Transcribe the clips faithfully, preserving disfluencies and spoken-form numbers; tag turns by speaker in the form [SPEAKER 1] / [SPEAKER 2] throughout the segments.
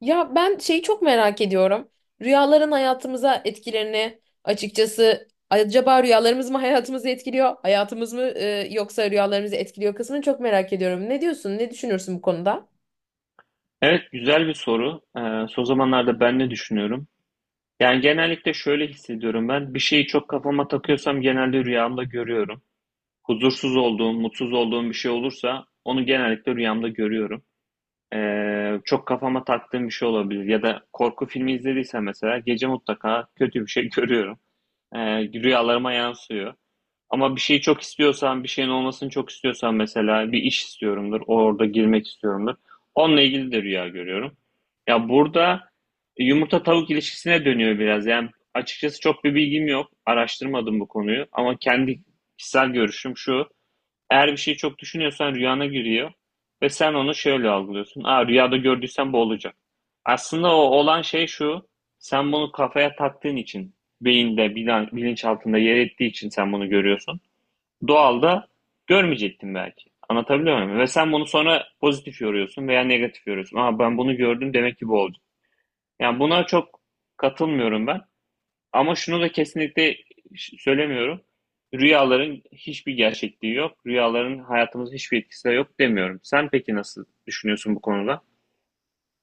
[SPEAKER 1] Ya ben şeyi çok merak ediyorum. Rüyaların hayatımıza etkilerini açıkçası acaba rüyalarımız mı hayatımızı etkiliyor, hayatımız mı e, yoksa rüyalarımızı etkiliyor kısmını çok merak ediyorum. Ne diyorsun? Ne düşünürsün bu konuda?
[SPEAKER 2] Evet, güzel bir soru. Ee, son zamanlarda ben ne düşünüyorum? Yani genellikle şöyle hissediyorum ben. Bir şeyi çok kafama takıyorsam genelde rüyamda görüyorum. Huzursuz olduğum, mutsuz olduğum bir şey olursa onu genellikle rüyamda görüyorum. Ee, çok kafama taktığım bir şey olabilir. Ya da korku filmi izlediysem mesela gece mutlaka kötü bir şey görüyorum. Ee, rüyalarıma yansıyor. Ama bir şeyi çok istiyorsan, bir şeyin olmasını çok istiyorsan mesela bir iş istiyorumdur, orada girmek istiyorumdur. Onunla ilgili de rüya görüyorum. Ya burada yumurta tavuk ilişkisine dönüyor biraz. Yani açıkçası çok bir bilgim yok. Araştırmadım bu konuyu ama kendi kişisel görüşüm şu. Eğer bir şeyi çok düşünüyorsan rüyana giriyor ve sen onu şöyle algılıyorsun. Aa, rüyada gördüysen bu olacak. Aslında o olan şey şu. Sen bunu kafaya taktığın için, beyinde, bilan- bilinçaltında yer ettiği için sen bunu görüyorsun. Doğalda görmeyecektin belki. Anlatabiliyor muyum? Ve sen bunu sonra pozitif yoruyorsun veya negatif yoruyorsun. Aa, ben bunu gördüm, demek ki bu oldu. Yani buna çok katılmıyorum ben. Ama şunu da kesinlikle söylemiyorum. Rüyaların hiçbir gerçekliği yok. Rüyaların hayatımızda hiçbir etkisi de yok demiyorum. Sen peki nasıl düşünüyorsun bu konuda?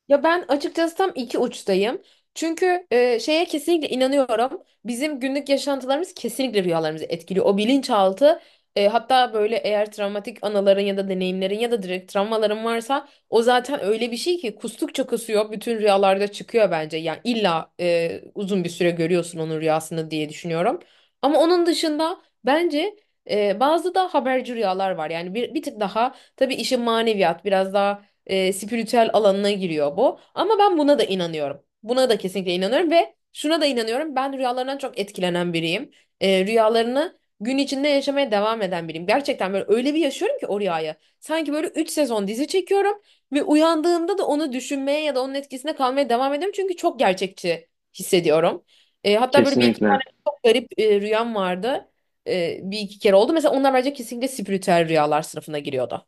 [SPEAKER 1] Ya ben açıkçası tam iki uçtayım. Çünkü e, şeye kesinlikle inanıyorum. Bizim günlük yaşantılarımız kesinlikle rüyalarımızı etkiliyor. O bilinçaltı e, hatta böyle eğer travmatik anıların ya da deneyimlerin ya da direkt travmaların varsa o zaten öyle bir şey ki kustukça kusuyor bütün rüyalarda çıkıyor bence. Yani illa e, uzun bir süre görüyorsun onun rüyasını diye düşünüyorum. Ama onun dışında bence e, bazı da haberci rüyalar var. Yani bir, bir tık daha tabii işin maneviyat biraz daha e, spiritüel alanına giriyor bu. Ama ben buna da inanıyorum. Buna da kesinlikle inanıyorum ve şuna da inanıyorum. Ben rüyalarından çok etkilenen biriyim. E, rüyalarını gün içinde yaşamaya devam eden biriyim. Gerçekten böyle öyle bir yaşıyorum ki o rüyayı. Sanki böyle üç sezon dizi çekiyorum ve uyandığımda da onu düşünmeye ya da onun etkisinde kalmaya devam ediyorum. Çünkü çok gerçekçi hissediyorum. E, hatta böyle bir iki
[SPEAKER 2] Kesinlikle.
[SPEAKER 1] tane çok garip e, rüyam vardı. E, bir iki kere oldu. Mesela onlar bence kesinlikle spiritüel rüyalar sınıfına giriyordu.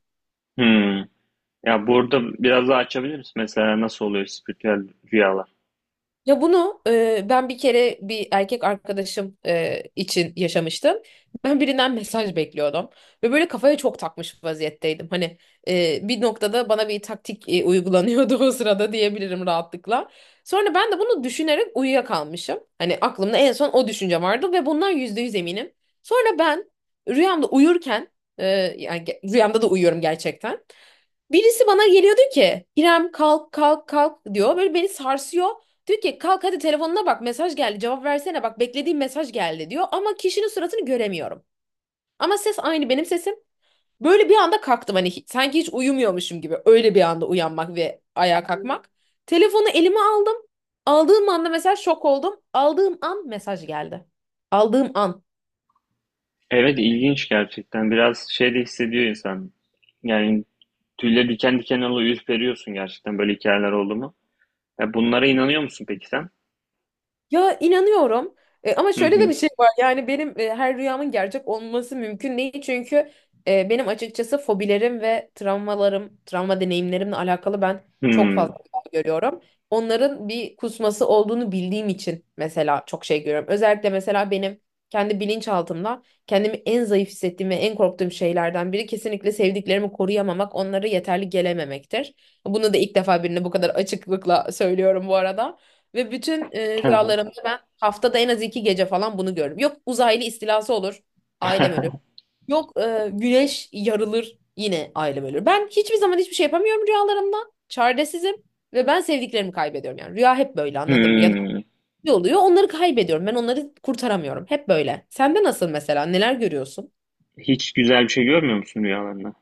[SPEAKER 2] Hmm. Ya burada biraz daha açabilir misin? Mesela nasıl oluyor spiritüel rüyalar?
[SPEAKER 1] Ya bunu e, ben bir kere bir erkek arkadaşım e, için yaşamıştım. Ben birinden mesaj bekliyordum ve böyle kafaya çok takmış vaziyetteydim. Hani e, bir noktada bana bir taktik e, uygulanıyordu o sırada diyebilirim rahatlıkla. Sonra ben de bunu düşünerek uyuyakalmışım. Hani aklımda en son o düşünce vardı ve bundan yüzde yüz eminim. Sonra ben rüyamda uyurken e, yani ge- rüyamda da uyuyorum gerçekten. Birisi bana geliyordu ki İrem kalk kalk kalk diyor. Böyle beni sarsıyor. Diyor ki kalk hadi telefonuna bak mesaj geldi cevap versene bak beklediğim mesaj geldi diyor. Ama kişinin suratını göremiyorum. Ama ses aynı benim sesim. Böyle bir anda kalktım hani hi- sanki hiç uyumuyormuşum gibi. Öyle bir anda uyanmak ve ayağa kalkmak. Telefonu elime aldım. Aldığım anda mesela şok oldum. Aldığım an mesaj geldi. Aldığım an.
[SPEAKER 2] Evet, ilginç gerçekten. Biraz şey de hissediyor insan. Yani, tüyleri diken diken oluyor, ürperiyorsun, gerçekten böyle hikayeler oldu mu? Ya bunlara inanıyor musun peki sen?
[SPEAKER 1] Ya inanıyorum. E, ama
[SPEAKER 2] Hı
[SPEAKER 1] şöyle de
[SPEAKER 2] hı.
[SPEAKER 1] bir şey var. Yani benim e, her rüyamın gerçek olması mümkün değil. Çünkü e, benim açıkçası fobilerim ve travmalarım, travma deneyimlerimle alakalı ben çok
[SPEAKER 2] Hmm.
[SPEAKER 1] fazla şey görüyorum. Onların bir kusması olduğunu bildiğim için mesela çok şey görüyorum. Özellikle mesela benim kendi bilinçaltımda kendimi en zayıf hissettiğim ve en korktuğum şeylerden biri kesinlikle sevdiklerimi koruyamamak, onlara yeterli gelememektir. Bunu da ilk defa birine bu kadar açıklıkla söylüyorum bu arada. Ve bütün e, rüyalarımda ben haftada en az iki gece falan bunu görürüm. Yok uzaylı istilası olur, ailem ölür. Yok e, güneş yarılır, yine ailem ölür. Ben hiçbir zaman hiçbir şey yapamıyorum rüyalarımda. Çaresizim ve ben sevdiklerimi kaybediyorum. Yani rüya hep böyle anladın mı? Ya da
[SPEAKER 2] Hmm.
[SPEAKER 1] ne oluyor onları kaybediyorum. Ben onları kurtaramıyorum. Hep böyle. Sende nasıl mesela? Neler görüyorsun?
[SPEAKER 2] Hiç güzel bir şey görmüyor musun rüyalarında?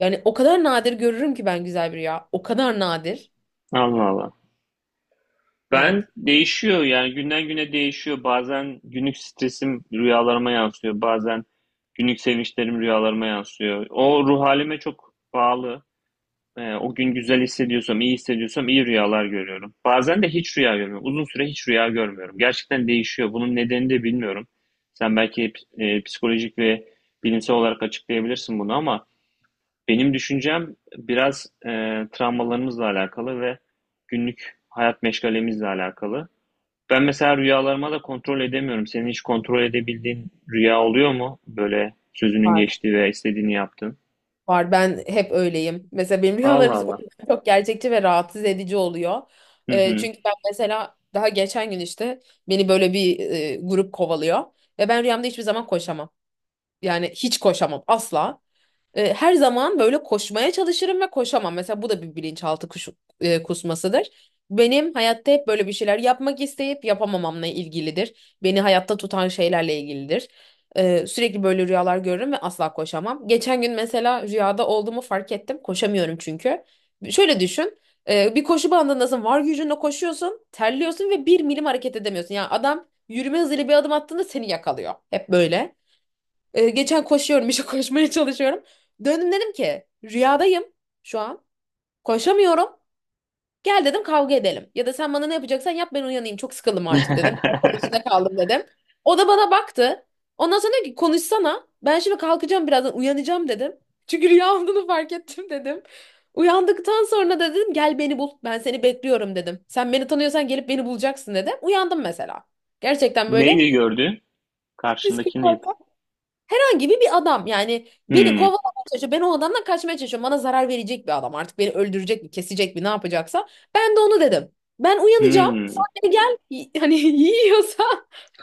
[SPEAKER 1] Yani o kadar nadir görürüm ki ben güzel bir rüya. O kadar nadir.
[SPEAKER 2] Allah Allah. Ben
[SPEAKER 1] Evet.
[SPEAKER 2] değişiyor, yani günden güne değişiyor. Bazen günlük stresim rüyalarıma yansıyor. Bazen günlük sevinçlerim rüyalarıma yansıyor. O ruh halime çok bağlı. Ee, o gün güzel hissediyorsam, iyi hissediyorsam iyi rüyalar görüyorum. Bazen de hiç rüya görmüyorum. Uzun süre hiç rüya görmüyorum. Gerçekten değişiyor. Bunun nedenini de bilmiyorum. Sen belki e, psikolojik ve bilimsel olarak açıklayabilirsin bunu, ama benim düşüncem biraz e, travmalarımızla alakalı ve günlük hayat meşgalemizle alakalı. Ben mesela rüyalarıma da kontrol edemiyorum. Senin hiç kontrol edebildiğin rüya oluyor mu? Böyle sözünün
[SPEAKER 1] Var.
[SPEAKER 2] geçtiği veya istediğini yaptığın.
[SPEAKER 1] Var ben hep öyleyim. Mesela benim rüyalarım
[SPEAKER 2] Allah
[SPEAKER 1] hiç- o
[SPEAKER 2] Allah.
[SPEAKER 1] yüzden çok gerçekçi ve rahatsız edici oluyor.
[SPEAKER 2] Hı
[SPEAKER 1] Ee,
[SPEAKER 2] hı.
[SPEAKER 1] çünkü ben mesela daha geçen gün işte beni böyle bir e, grup kovalıyor. Ve ben rüyamda hiçbir zaman koşamam. Yani hiç koşamam asla. E, her zaman böyle koşmaya çalışırım ve koşamam. Mesela bu da bir bilinçaltı kuş, e, kusmasıdır. Benim hayatta hep böyle bir şeyler yapmak isteyip yapamamamla ilgilidir. Beni hayatta tutan şeylerle ilgilidir. E, sürekli böyle rüyalar görürüm ve asla koşamam. Geçen gün mesela rüyada olduğumu fark ettim. Koşamıyorum çünkü. Şöyle düşün. E, bir koşu bandındasın. Var gücünle koşuyorsun. Terliyorsun ve bir milim hareket edemiyorsun. Yani adam yürüme hızıyla bir adım attığında seni yakalıyor. Hep böyle. Ee, geçen koşuyorum işte koşmaya çalışıyorum. Döndüm dedim ki rüyadayım şu an. Koşamıyorum. Gel dedim kavga edelim. Ya da sen bana ne yapacaksan yap ben uyanayım. Çok sıkıldım artık dedim. Arkadaşına içinde kaldım dedim. O da bana baktı. Ondan sonra dedi ki konuşsana. Ben şimdi kalkacağım birazdan uyanacağım dedim. Çünkü rüya olduğunu fark ettim dedim. Uyandıktan sonra da dedim gel beni bul. Ben seni bekliyorum dedim. Sen beni tanıyorsan gelip beni bulacaksın dedim. Uyandım mesela. Gerçekten böyle
[SPEAKER 2] Neyi gördün? Karşındaki
[SPEAKER 1] psikopat
[SPEAKER 2] neydi?
[SPEAKER 1] herhangi bir adam yani beni
[SPEAKER 2] Hmm.
[SPEAKER 1] kovalamaya çalışıyor. Ben o adamdan kaçmaya çalışıyorum. Bana zarar verecek bir adam artık beni öldürecek mi kesecek mi ne yapacaksa. Ben de onu dedim. Ben uyanacağım.
[SPEAKER 2] Hmm.
[SPEAKER 1] Sen beni gel y- hani yiyorsa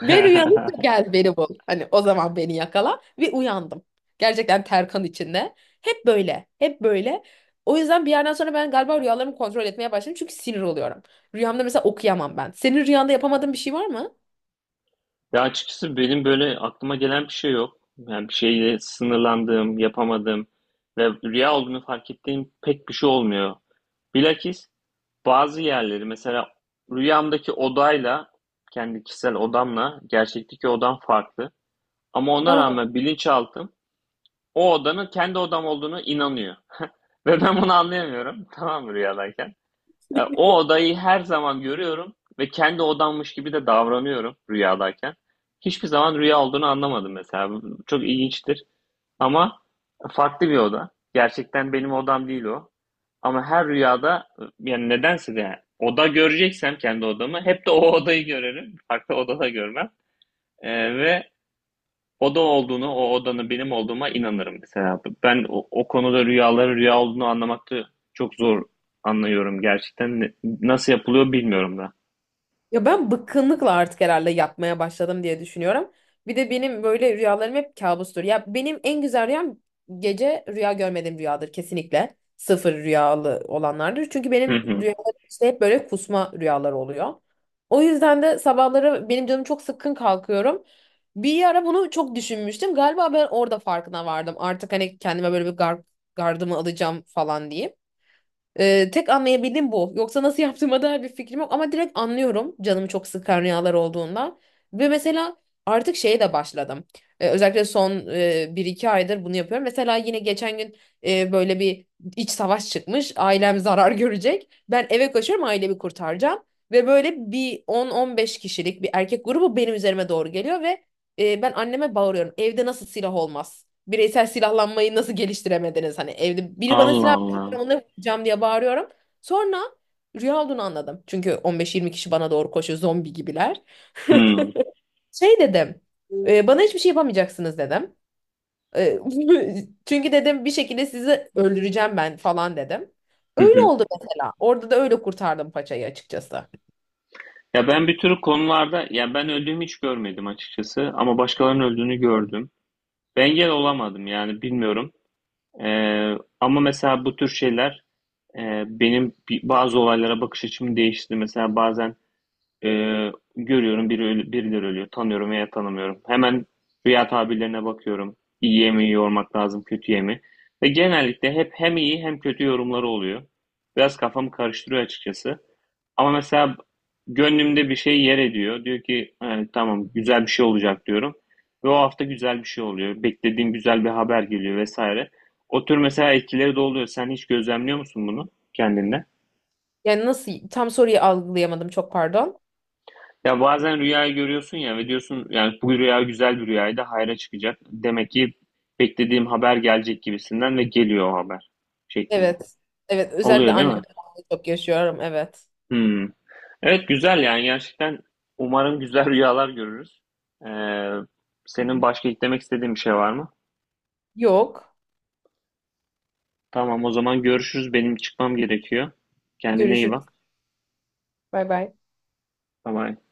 [SPEAKER 1] ben uyanıp da gel beni bul. Hani o zaman beni yakala ve uyandım. Gerçekten terkan içinde. Hep böyle. Hep böyle. O yüzden bir yerden sonra ben galiba rüyalarımı kontrol etmeye başladım. Çünkü sinir oluyorum. Rüyamda mesela okuyamam ben. Senin rüyanda yapamadığın bir şey var mı?
[SPEAKER 2] Ya, açıkçası benim böyle aklıma gelen bir şey yok. Yani bir şeyle sınırlandığım, yapamadığım ve rüya olduğunu fark ettiğim pek bir şey olmuyor. Bilakis, bazı yerleri mesela, rüyamdaki odayla, kendi kişisel odamla gerçekteki odam farklı. Ama ona
[SPEAKER 1] Aa.
[SPEAKER 2] rağmen bilinçaltım o odanın kendi odam olduğunu inanıyor. Ve ben bunu anlayamıyorum. Tamam mı rüyadayken? Ya, o odayı her zaman görüyorum ve kendi odammış gibi de davranıyorum rüyadayken. Hiçbir zaman rüya olduğunu anlamadım mesela. Bu Çok ilginçtir, ama farklı bir oda. Gerçekten benim odam değil o. Ama her rüyada, yani nedense de yani oda göreceksem kendi odamı, hep de o odayı görerim. Farklı odada görmem. Ee, ve oda olduğunu, o odanın benim olduğuma inanırım mesela. Ben o, o konuda rüyaların rüya olduğunu anlamakta çok zor anlıyorum gerçekten. Ne- Nasıl yapılıyor bilmiyorum da.
[SPEAKER 1] Ya ben bıkkınlıkla artık herhalde yatmaya başladım diye düşünüyorum. Bir de benim böyle rüyalarım hep kabustur. Ya benim en güzel rüyam gece rüya görmediğim rüyadır kesinlikle. Sıfır rüyalı olanlardır. Çünkü benim
[SPEAKER 2] Hı hı.
[SPEAKER 1] rüyalarım işte hep böyle kusma rüyalar oluyor. O yüzden de sabahları benim canım çok sıkkın kalkıyorum. Bir ara bunu çok düşünmüştüm. Galiba ben orada farkına vardım. Artık hani kendime böyle bir gar- gardımı alacağım falan diye. Ee, tek anlayabildiğim bu. Yoksa nasıl yaptığıma dair bir fikrim yok ama direkt anlıyorum canımı çok sıkan rüyalar olduğunda. Ve mesela artık şeye de başladım. Ee, özellikle son e, bir iki aydır bunu yapıyorum. Mesela yine geçen gün e, böyle bir iç savaş çıkmış. Ailem zarar görecek. Ben eve koşuyorum ailemi kurtaracağım. Ve böyle bir on on beş kişilik bir erkek grubu benim üzerime doğru geliyor ve e, ben anneme bağırıyorum. Evde nasıl silah olmaz? Bireysel silahlanmayı nasıl geliştiremediniz? Hani evde biri bana
[SPEAKER 2] Allah
[SPEAKER 1] silah
[SPEAKER 2] Allah.
[SPEAKER 1] ona vuracağım diye bağırıyorum. Sonra rüya olduğunu anladım. Çünkü on beş yirmi kişi bana doğru koşuyor zombi gibiler.
[SPEAKER 2] Hı.
[SPEAKER 1] Şey dedim. E, bana hiçbir şey yapamayacaksınız dedim. E, Çünkü dedim bir şekilde sizi öldüreceğim ben falan dedim.
[SPEAKER 2] Hı
[SPEAKER 1] Öyle
[SPEAKER 2] hı.
[SPEAKER 1] oldu mesela. Orada da öyle kurtardım paçayı açıkçası.
[SPEAKER 2] Ya ben bir tür konularda, ya ben öldüğümü hiç görmedim açıkçası, ama başkalarının öldüğünü gördüm. Ben engel olamadım, yani bilmiyorum. Ee, Ama mesela bu tür şeyler e, benim bi- bazı olaylara bakış açımı değiştirdi. Mesela bazen Ee, görüyorum biri ölü- birileri ölüyor. Tanıyorum veya tanımıyorum. Hemen rüya tabirlerine bakıyorum. İyiye mi yormak lazım, kötüye mi? Ve genellikle hep hem iyi hem kötü yorumları oluyor. Biraz kafamı karıştırıyor açıkçası. Ama mesela gönlümde bir şey yer ediyor. Diyor ki "Ha, tamam, güzel bir şey olacak" diyorum. Ve o hafta güzel bir şey oluyor. Beklediğim güzel bir haber geliyor vesaire. O tür mesela etkileri de oluyor. Sen hiç gözlemliyor musun bunu kendinde?
[SPEAKER 1] Yani nasıl tam soruyu algılayamadım çok pardon.
[SPEAKER 2] Ya bazen rüyayı görüyorsun ya, ve diyorsun yani bu rüya güzel bir rüyaydı, hayra çıkacak. Demek ki beklediğim haber gelecek gibisinden, ve geliyor o haber şeklinde.
[SPEAKER 1] Evet. Evet özellikle
[SPEAKER 2] Oluyor değil mi?
[SPEAKER 1] annemle çok yaşıyorum evet.
[SPEAKER 2] Hmm. Evet, güzel, yani gerçekten umarım güzel rüyalar görürüz. Ee, Senin başka eklemek istediğin bir şey var mı?
[SPEAKER 1] Yok.
[SPEAKER 2] Tamam, o zaman görüşürüz. Benim çıkmam gerekiyor. Kendine iyi
[SPEAKER 1] Görüşürüz.
[SPEAKER 2] bak.
[SPEAKER 1] Bay bay.
[SPEAKER 2] Bye bye.